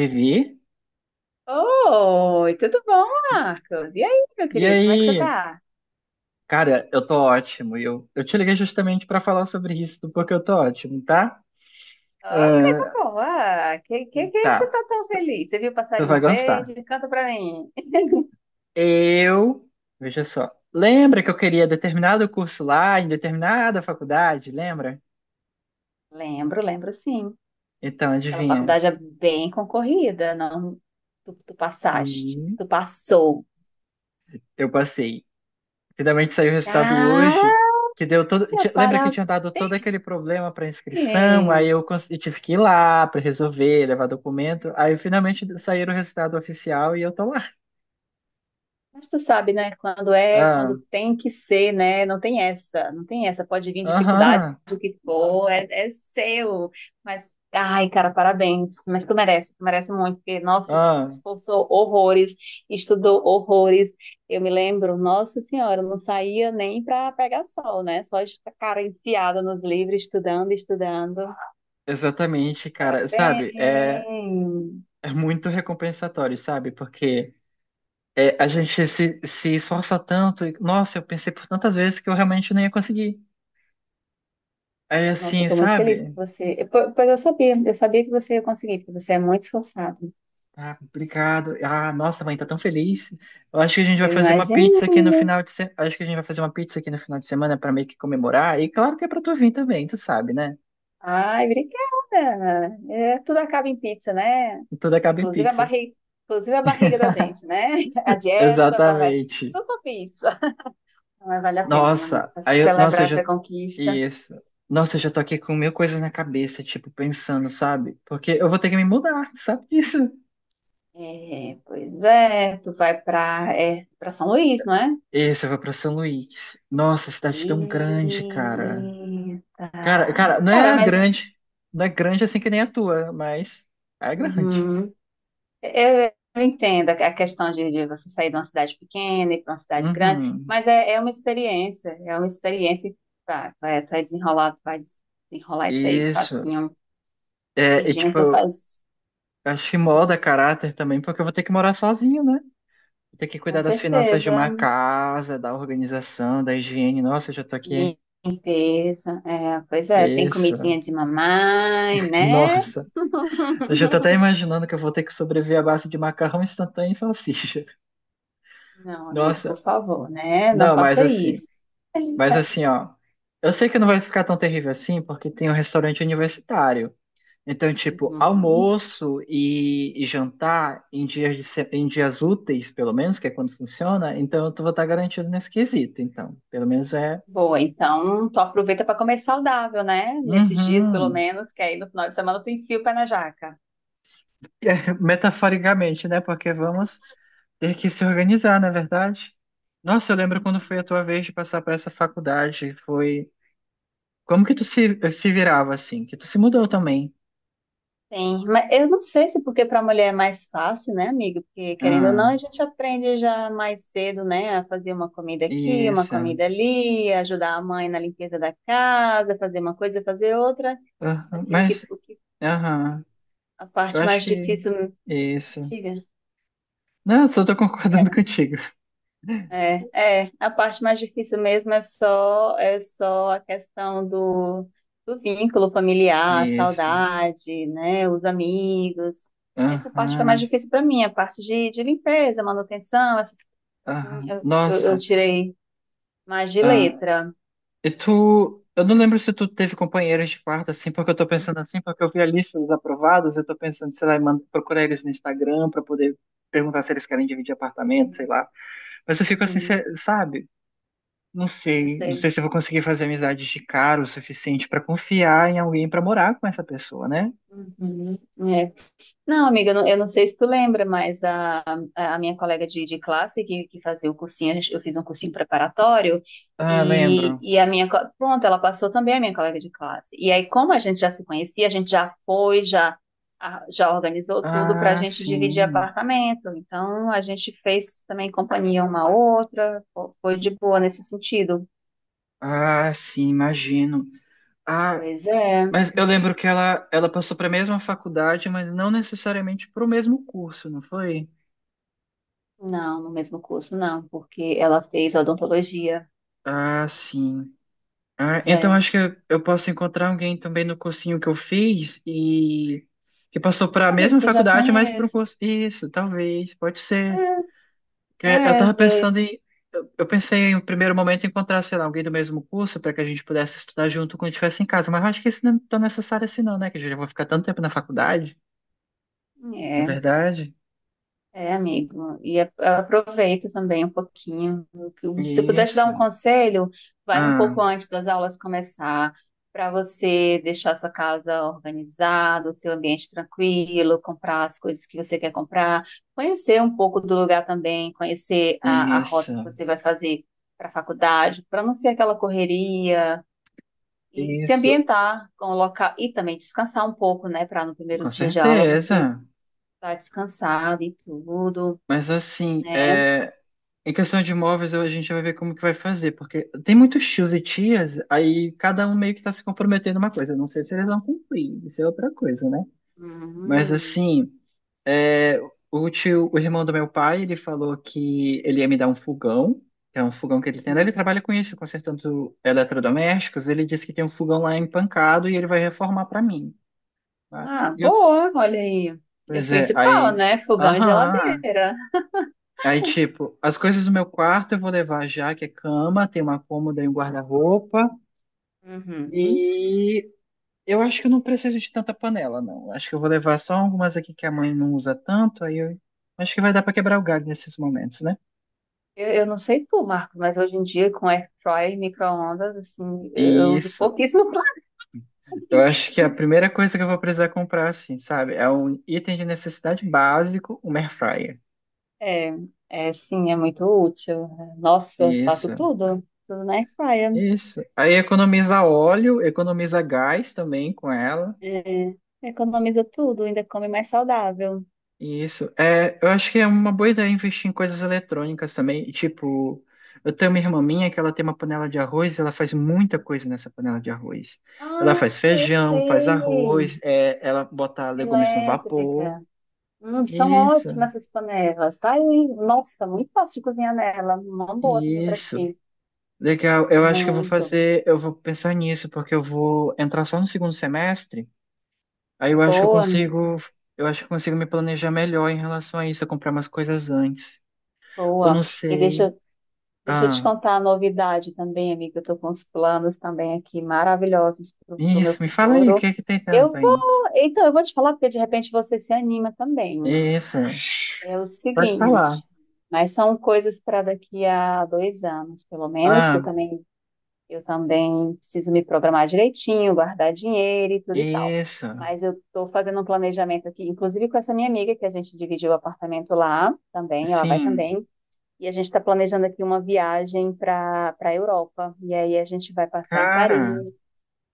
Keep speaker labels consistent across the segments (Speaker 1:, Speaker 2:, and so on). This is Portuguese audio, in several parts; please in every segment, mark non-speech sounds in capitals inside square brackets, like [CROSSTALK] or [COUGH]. Speaker 1: Vivi?
Speaker 2: Oi, tudo bom, Marcos? E aí, meu
Speaker 1: E
Speaker 2: querido, como é que você
Speaker 1: aí?
Speaker 2: tá?
Speaker 1: Cara, eu tô ótimo. E eu te liguei justamente pra falar sobre isso, do porque eu tô ótimo, tá?
Speaker 2: Ó, coisa
Speaker 1: Ah,
Speaker 2: boa! Que você
Speaker 1: tá,
Speaker 2: tá tão feliz? Você viu o
Speaker 1: tu vai
Speaker 2: passarinho
Speaker 1: gostar.
Speaker 2: verde? Canta pra mim.
Speaker 1: Eu, veja só, lembra que eu queria determinado curso lá, em determinada faculdade, lembra?
Speaker 2: [LAUGHS] Lembro sim.
Speaker 1: Então,
Speaker 2: Aquela
Speaker 1: adivinha?
Speaker 2: faculdade é bem concorrida, não? Tu, tu passaste,
Speaker 1: Hum,
Speaker 2: tu passou.
Speaker 1: eu passei. Finalmente saiu o resultado
Speaker 2: Ah,
Speaker 1: hoje, que deu todo. Lembra que
Speaker 2: parabéns!
Speaker 1: tinha dado todo aquele problema para inscrição? Aí eu, eu tive que ir lá para resolver, levar documento. Aí finalmente saiu o resultado oficial e eu tô lá.
Speaker 2: Mas tu sabe, né? Quando é,
Speaker 1: Ah,
Speaker 2: quando tem que ser, né? Não tem essa. Pode vir dificuldade,
Speaker 1: aham,
Speaker 2: o que for, é seu. Mas, ai, cara, parabéns. Mas tu merece muito, porque, nossa,
Speaker 1: ah,
Speaker 2: esforçou horrores, estudou horrores. Eu me lembro, nossa senhora, eu não saía nem para pegar sol, né? Só esta cara enfiada nos livros, estudando, estudando.
Speaker 1: exatamente, cara. Sabe, é,
Speaker 2: Parabéns!
Speaker 1: é muito recompensatório, sabe? Porque é, a gente se esforça tanto. E, nossa, eu pensei por tantas vezes que eu realmente não ia conseguir. Aí
Speaker 2: Nossa, eu
Speaker 1: assim,
Speaker 2: tô muito feliz
Speaker 1: sabe?
Speaker 2: por você. Pois eu sabia que você ia conseguir, porque você é muito esforçado.
Speaker 1: Ah, complicado. Ah, nossa, mãe, tá tão feliz. Eu acho que a gente vai
Speaker 2: Eu
Speaker 1: fazer uma
Speaker 2: imagino.
Speaker 1: pizza aqui no final de semana. Acho que a gente vai fazer uma pizza aqui no final de semana pra meio que comemorar. E claro que é pra tu vir também, tu sabe, né?
Speaker 2: Ai, obrigada. É, tudo acaba em pizza, né?
Speaker 1: Tudo acaba em
Speaker 2: Inclusive a
Speaker 1: pizza.
Speaker 2: barriga, inclusive a barriga da gente, né? [LAUGHS] A dieta, vai
Speaker 1: Exatamente.
Speaker 2: tudo pra pizza. Mas vale a pena, meu amigo,
Speaker 1: Nossa,
Speaker 2: pra celebrar
Speaker 1: eu já.
Speaker 2: essa conquista.
Speaker 1: Isso. Nossa, eu já tô aqui com mil coisas na cabeça, tipo, pensando, sabe? Porque eu vou ter que me mudar, sabe disso?
Speaker 2: É, pois é, tu vai pra São Luís, não é?
Speaker 1: Isso, eu vou pra São Luís. Nossa, cidade tão grande, cara.
Speaker 2: Eita.
Speaker 1: Cara, não
Speaker 2: Cara,
Speaker 1: é
Speaker 2: mas.
Speaker 1: grande. Não é grande assim que nem a tua, mas é grande.
Speaker 2: Uhum. Eu entendo a questão de você sair de uma cidade pequena e ir para uma cidade grande,
Speaker 1: Uhum.
Speaker 2: mas é uma experiência que vai desenrolar isso aí
Speaker 1: Isso.
Speaker 2: facinho,
Speaker 1: É, e
Speaker 2: rapidinho,
Speaker 1: tipo,
Speaker 2: tu
Speaker 1: eu
Speaker 2: faz
Speaker 1: acho que molda caráter também, porque eu vou ter que morar sozinho, né? Vou ter que
Speaker 2: com
Speaker 1: cuidar das finanças de
Speaker 2: certeza.
Speaker 1: uma casa, da organização, da higiene. Nossa, eu já tô aqui.
Speaker 2: Limpeza, é, pois é, sem
Speaker 1: Isso.
Speaker 2: comidinha de mamãe,
Speaker 1: [LAUGHS]
Speaker 2: né?
Speaker 1: Nossa. Eu já tô até
Speaker 2: [LAUGHS]
Speaker 1: imaginando que eu vou ter que sobreviver à base de macarrão instantâneo e salsicha.
Speaker 2: Não, amigo, por
Speaker 1: Nossa.
Speaker 2: favor, né? Não
Speaker 1: Não, mas
Speaker 2: faça
Speaker 1: assim.
Speaker 2: isso.
Speaker 1: Mas
Speaker 2: [LAUGHS]
Speaker 1: assim, ó. Eu sei que não vai ficar tão terrível assim, porque tem um restaurante universitário. Então, tipo,
Speaker 2: Uhum.
Speaker 1: almoço e jantar em dias, de se- em dias úteis, pelo menos, que é quando funciona, então vou estar garantido nesse quesito, então. Pelo menos é.
Speaker 2: Boa, então tu aproveita para comer saudável, né? Nesses dias, pelo
Speaker 1: Uhum.
Speaker 2: menos, que aí no final de semana tu enfia o pé na jaca.
Speaker 1: É, metaforicamente, né? Porque vamos ter que se organizar, na verdade? Nossa, eu lembro quando foi a tua vez de passar por essa faculdade, foi. Como que tu se virava assim? Que tu se mudou também.
Speaker 2: Sim, mas eu não sei se porque para mulher é mais fácil, né, amiga? Porque querendo ou não,
Speaker 1: Ah,
Speaker 2: a gente aprende já mais cedo, né, a fazer uma comida aqui, uma
Speaker 1: isso.
Speaker 2: comida ali, ajudar a mãe na limpeza da casa, fazer uma coisa, fazer outra.
Speaker 1: Aham,
Speaker 2: Assim,
Speaker 1: mas,
Speaker 2: o que
Speaker 1: aham,
Speaker 2: a
Speaker 1: eu
Speaker 2: parte
Speaker 1: acho
Speaker 2: mais
Speaker 1: que.
Speaker 2: difícil,
Speaker 1: Isso.
Speaker 2: diga.
Speaker 1: Não, só tô concordando [LAUGHS] contigo.
Speaker 2: É, a parte mais difícil mesmo é só a questão do vínculo familiar, a
Speaker 1: Isso.
Speaker 2: saudade, né, os amigos. Essa parte foi
Speaker 1: Aham,
Speaker 2: mais difícil para mim, a parte de limpeza, manutenção, essas, assim,
Speaker 1: aham.
Speaker 2: eu
Speaker 1: Nossa,
Speaker 2: tirei mais de
Speaker 1: ah,
Speaker 2: letra.
Speaker 1: e tu. Eu não lembro se tu teve companheiros de quarto, assim, porque eu tô pensando assim, porque eu vi a lista dos aprovados, eu tô pensando, sei lá, em procurar eles no Instagram pra poder perguntar se eles querem dividir apartamento, sei lá. Mas eu fico assim,
Speaker 2: Uhum,
Speaker 1: sabe? Não
Speaker 2: eu
Speaker 1: sei, não sei
Speaker 2: sei.
Speaker 1: se eu vou conseguir fazer amizades de cara o suficiente pra confiar em alguém pra morar com essa pessoa, né?
Speaker 2: Uhum. é. Não, amiga, eu não sei se tu lembra, mas a minha colega de classe que fazia o cursinho, eu fiz um cursinho preparatório
Speaker 1: Ah, lembro.
Speaker 2: e a minha, pronto, ela passou também a minha colega de classe. E aí, como a gente já se conhecia, a gente já foi, já, a- já organizou tudo para a
Speaker 1: Ah,
Speaker 2: gente dividir
Speaker 1: sim.
Speaker 2: apartamento. Então, a gente fez também companhia uma à outra, foi de boa nesse sentido.
Speaker 1: Ah, sim, imagino. Ah,
Speaker 2: Pois é,
Speaker 1: mas eu lembro que ela passou para a mesma faculdade, mas não necessariamente para o mesmo curso, não foi?
Speaker 2: não, no mesmo curso não, porque ela fez odontologia.
Speaker 1: Ah, sim. Ah,
Speaker 2: Pois é,
Speaker 1: então acho que eu posso encontrar alguém também no cursinho que eu fiz e que passou para a
Speaker 2: alguém
Speaker 1: mesma
Speaker 2: que eu já
Speaker 1: faculdade, mas para um
Speaker 2: conheço.
Speaker 1: curso. Isso, talvez, pode ser. Que eu
Speaker 2: É,
Speaker 1: tava
Speaker 2: vê.
Speaker 1: pensando em. Eu pensei em um primeiro momento em encontrar, sei lá, alguém do mesmo curso para que a gente pudesse estudar junto quando estivesse em casa, mas eu acho que isso não é tão necessário assim, não, né? Que eu já vou ficar tanto tempo na faculdade, na
Speaker 2: É,
Speaker 1: verdade.
Speaker 2: amigo. Aproveita também um pouquinho. Se eu puder te dar um
Speaker 1: Isso.
Speaker 2: conselho, vai um
Speaker 1: Ah.
Speaker 2: pouco antes das aulas começar, para você deixar sua casa organizada, o seu ambiente tranquilo, comprar as coisas que você quer comprar, conhecer um pouco do lugar também, conhecer a
Speaker 1: Isso,
Speaker 2: rota que você vai fazer para a faculdade, para não ser aquela correria. E se
Speaker 1: isso,
Speaker 2: ambientar com o local e também descansar um pouco, né? Para no primeiro
Speaker 1: com
Speaker 2: dia de aula você
Speaker 1: certeza.
Speaker 2: tá descansada e tudo,
Speaker 1: Mas assim,
Speaker 2: né?
Speaker 1: é, em questão de imóveis, a gente vai ver como que vai fazer, porque tem muitos tios e tias, aí cada um meio que está se comprometendo uma coisa. Eu não sei se eles vão cumprir, isso é outra coisa, né? Mas
Speaker 2: Uhum,
Speaker 1: assim, é, o tio, o irmão do meu pai, ele falou que ele ia me dar um fogão, que é um fogão que ele tem lá. Ele
Speaker 2: uhum.
Speaker 1: trabalha com isso, consertando eletrodomésticos. Ele disse que tem um fogão lá empancado e ele vai reformar para mim, tá?
Speaker 2: Ah,
Speaker 1: E outros.
Speaker 2: boa, olha aí. É o
Speaker 1: Pois é,
Speaker 2: principal,
Speaker 1: aí.
Speaker 2: né? Fogão e
Speaker 1: Aham.
Speaker 2: geladeira.
Speaker 1: Aí, tipo, as coisas do meu quarto eu vou levar já, que é cama, tem uma cômoda e um guarda-roupa.
Speaker 2: Uhum.
Speaker 1: E eu acho que eu não preciso de tanta panela, não. Acho que eu vou levar só algumas aqui que a mãe não usa tanto, aí eu acho que vai dar pra quebrar o galho nesses momentos, né?
Speaker 2: Eu não sei tu, Marco, mas hoje em dia com air fryer e micro-ondas, assim, eu uso
Speaker 1: Isso.
Speaker 2: pouquíssimo [LAUGHS]
Speaker 1: Eu
Speaker 2: planejamento.
Speaker 1: acho que a primeira coisa que eu vou precisar comprar, assim, sabe? É um item de necessidade básico, um air fryer.
Speaker 2: É, sim, é muito útil. Nossa, faço
Speaker 1: Isso,
Speaker 2: tudo, tudo na air fryer.
Speaker 1: isso. Aí economiza óleo, economiza gás também com ela.
Speaker 2: É, economiza tudo, ainda come mais saudável.
Speaker 1: Isso. É, eu acho que é uma boa ideia investir em coisas eletrônicas também. Tipo, eu tenho uma irmã minha que ela tem uma panela de arroz, ela faz muita coisa nessa panela de arroz. Ela
Speaker 2: Ah,
Speaker 1: faz
Speaker 2: eu
Speaker 1: feijão, faz
Speaker 2: sei.
Speaker 1: arroz, é, ela bota legumes no vapor.
Speaker 2: Elétrica. São
Speaker 1: Isso,
Speaker 2: ótimas essas panelas, tá? E, nossa, muito fácil de cozinhar nela. Uma boa também para
Speaker 1: isso.
Speaker 2: ti.
Speaker 1: Legal. Eu acho que eu vou
Speaker 2: Muito.
Speaker 1: fazer, eu vou pensar nisso, porque eu vou entrar só no segundo semestre. Aí eu acho que eu
Speaker 2: Boa, amiga.
Speaker 1: consigo, eu acho que eu consigo me planejar melhor em relação a isso, eu comprar umas coisas antes. Ou
Speaker 2: Boa.
Speaker 1: não
Speaker 2: E
Speaker 1: sei.
Speaker 2: deixa eu te
Speaker 1: Ah.
Speaker 2: contar a novidade também, amiga. Eu tô com uns planos também aqui maravilhosos para o meu
Speaker 1: Isso, me fala aí, o
Speaker 2: futuro.
Speaker 1: que é que tem tanto
Speaker 2: Eu
Speaker 1: aí?
Speaker 2: vou. Então, eu vou te falar, porque de repente você se anima também.
Speaker 1: Isso,
Speaker 2: É o
Speaker 1: pode falar.
Speaker 2: seguinte. Mas são coisas para daqui a 2 anos, pelo menos, que eu
Speaker 1: Ah,
Speaker 2: também eu também preciso me programar direitinho, guardar dinheiro e tudo e tal.
Speaker 1: isso,
Speaker 2: Mas eu estou fazendo um planejamento aqui, inclusive com essa minha amiga, que a gente dividiu o apartamento lá também, ela vai
Speaker 1: sim,
Speaker 2: também. E a gente está planejando aqui uma viagem para a Europa. E aí a gente vai passar em Paris,
Speaker 1: cara,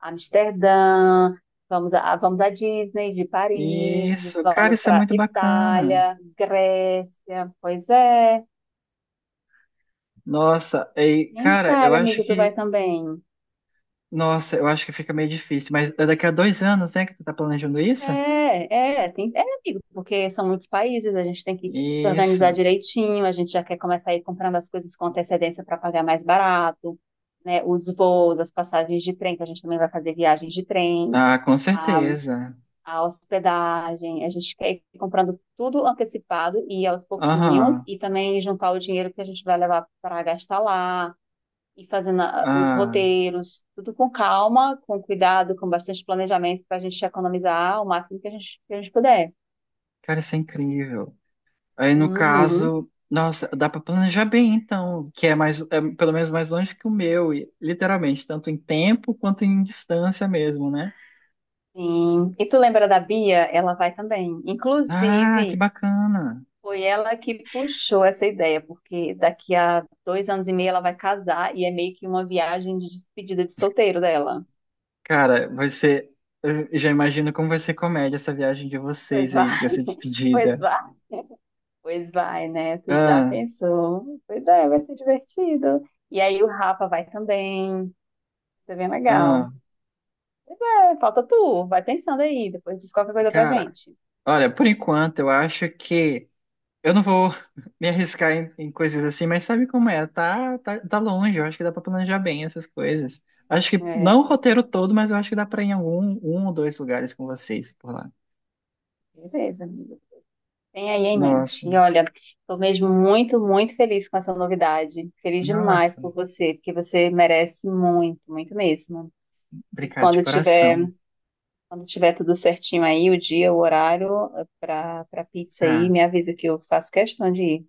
Speaker 2: Amsterdã, vamos à Disney de Paris,
Speaker 1: isso, cara,
Speaker 2: vamos
Speaker 1: isso é
Speaker 2: para
Speaker 1: muito bacana.
Speaker 2: Itália, Grécia. Pois é,
Speaker 1: Nossa, ei,
Speaker 2: quem
Speaker 1: cara, eu
Speaker 2: sabe,
Speaker 1: acho
Speaker 2: amigo, tu vai
Speaker 1: que,
Speaker 2: também.
Speaker 1: nossa, eu acho que fica meio difícil, mas é daqui a 2 anos, né, que tu tá planejando isso?
Speaker 2: Amigo, porque são muitos países, a gente tem que se
Speaker 1: Isso,
Speaker 2: organizar direitinho, a gente já quer começar a ir comprando as coisas com antecedência para pagar mais barato, né? Os voos, as passagens de trem, que a gente também vai fazer viagens de trem,
Speaker 1: ah, com
Speaker 2: a,
Speaker 1: certeza.
Speaker 2: a hospedagem, a gente quer ir comprando tudo antecipado e aos pouquinhos,
Speaker 1: Aham,
Speaker 2: e também juntar o dinheiro que a gente vai levar para gastar lá e fazendo os
Speaker 1: ah,
Speaker 2: roteiros, tudo com calma, com cuidado, com bastante planejamento para a gente economizar o máximo que que a gente puder.
Speaker 1: cara, isso é incrível. Aí no
Speaker 2: Uhum,
Speaker 1: caso, nossa, dá para planejar bem então, que é mais, é pelo menos mais longe que o meu, e, literalmente, tanto em tempo quanto em distância mesmo, né?
Speaker 2: sim. E tu lembra da Bia? Ela vai também.
Speaker 1: Ah, que
Speaker 2: Inclusive,
Speaker 1: bacana.
Speaker 2: foi ela que puxou essa ideia, porque daqui a 2 anos e meio ela vai casar e é meio que uma viagem de despedida de solteiro dela.
Speaker 1: Cara, vai ser, eu já imagino como vai ser comédia essa viagem de
Speaker 2: Pois
Speaker 1: vocês
Speaker 2: vai,
Speaker 1: aí, essa
Speaker 2: [LAUGHS] pois
Speaker 1: despedida.
Speaker 2: vai, pois vai, né? Tu já
Speaker 1: Ah,
Speaker 2: pensou? Pois é, vai ser divertido. E aí o Rafa vai também. Isso é bem legal.
Speaker 1: ah,
Speaker 2: É, falta tu, vai pensando aí, depois diz qualquer coisa pra
Speaker 1: cara,
Speaker 2: gente.
Speaker 1: olha, por enquanto eu acho que eu não vou [LAUGHS] me arriscar em coisas assim, mas sabe como é? Tá, tá longe, eu acho que dá pra planejar bem essas coisas. Acho que
Speaker 2: É,
Speaker 1: não o
Speaker 2: pois é.
Speaker 1: roteiro todo, mas eu acho que dá pra ir em algum, um ou dois lugares com vocês por lá.
Speaker 2: Beleza, amigo. Tem aí em
Speaker 1: Nossa,
Speaker 2: mente. E olha, tô mesmo muito, muito feliz com essa novidade. Feliz demais
Speaker 1: nossa,
Speaker 2: por você, porque você merece muito, muito mesmo. E
Speaker 1: obrigado de coração.
Speaker 2: quando tiver tudo certinho aí, o dia, o horário para pizza aí,
Speaker 1: Tá,
Speaker 2: me avisa que eu faço questão de ir.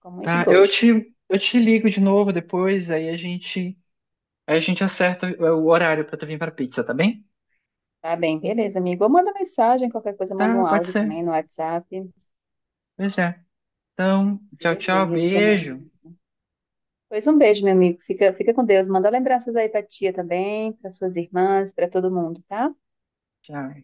Speaker 2: Com muito
Speaker 1: tá,
Speaker 2: gosto.
Speaker 1: eu te ligo de novo depois, aí a gente acerta o horário pra tu vir pra pizza, tá bem?
Speaker 2: Tá bem, beleza, amigo. Ou manda mensagem, qualquer coisa, manda
Speaker 1: Tá,
Speaker 2: um
Speaker 1: pode
Speaker 2: áudio
Speaker 1: ser.
Speaker 2: também no WhatsApp.
Speaker 1: Pois é. Então, tchau, tchau,
Speaker 2: Beleza, meu
Speaker 1: beijo.
Speaker 2: amigo. Pois um beijo, meu amigo. Fica com Deus. Manda lembranças aí pra tia também, para suas irmãs, para todo mundo, tá?
Speaker 1: Tchau.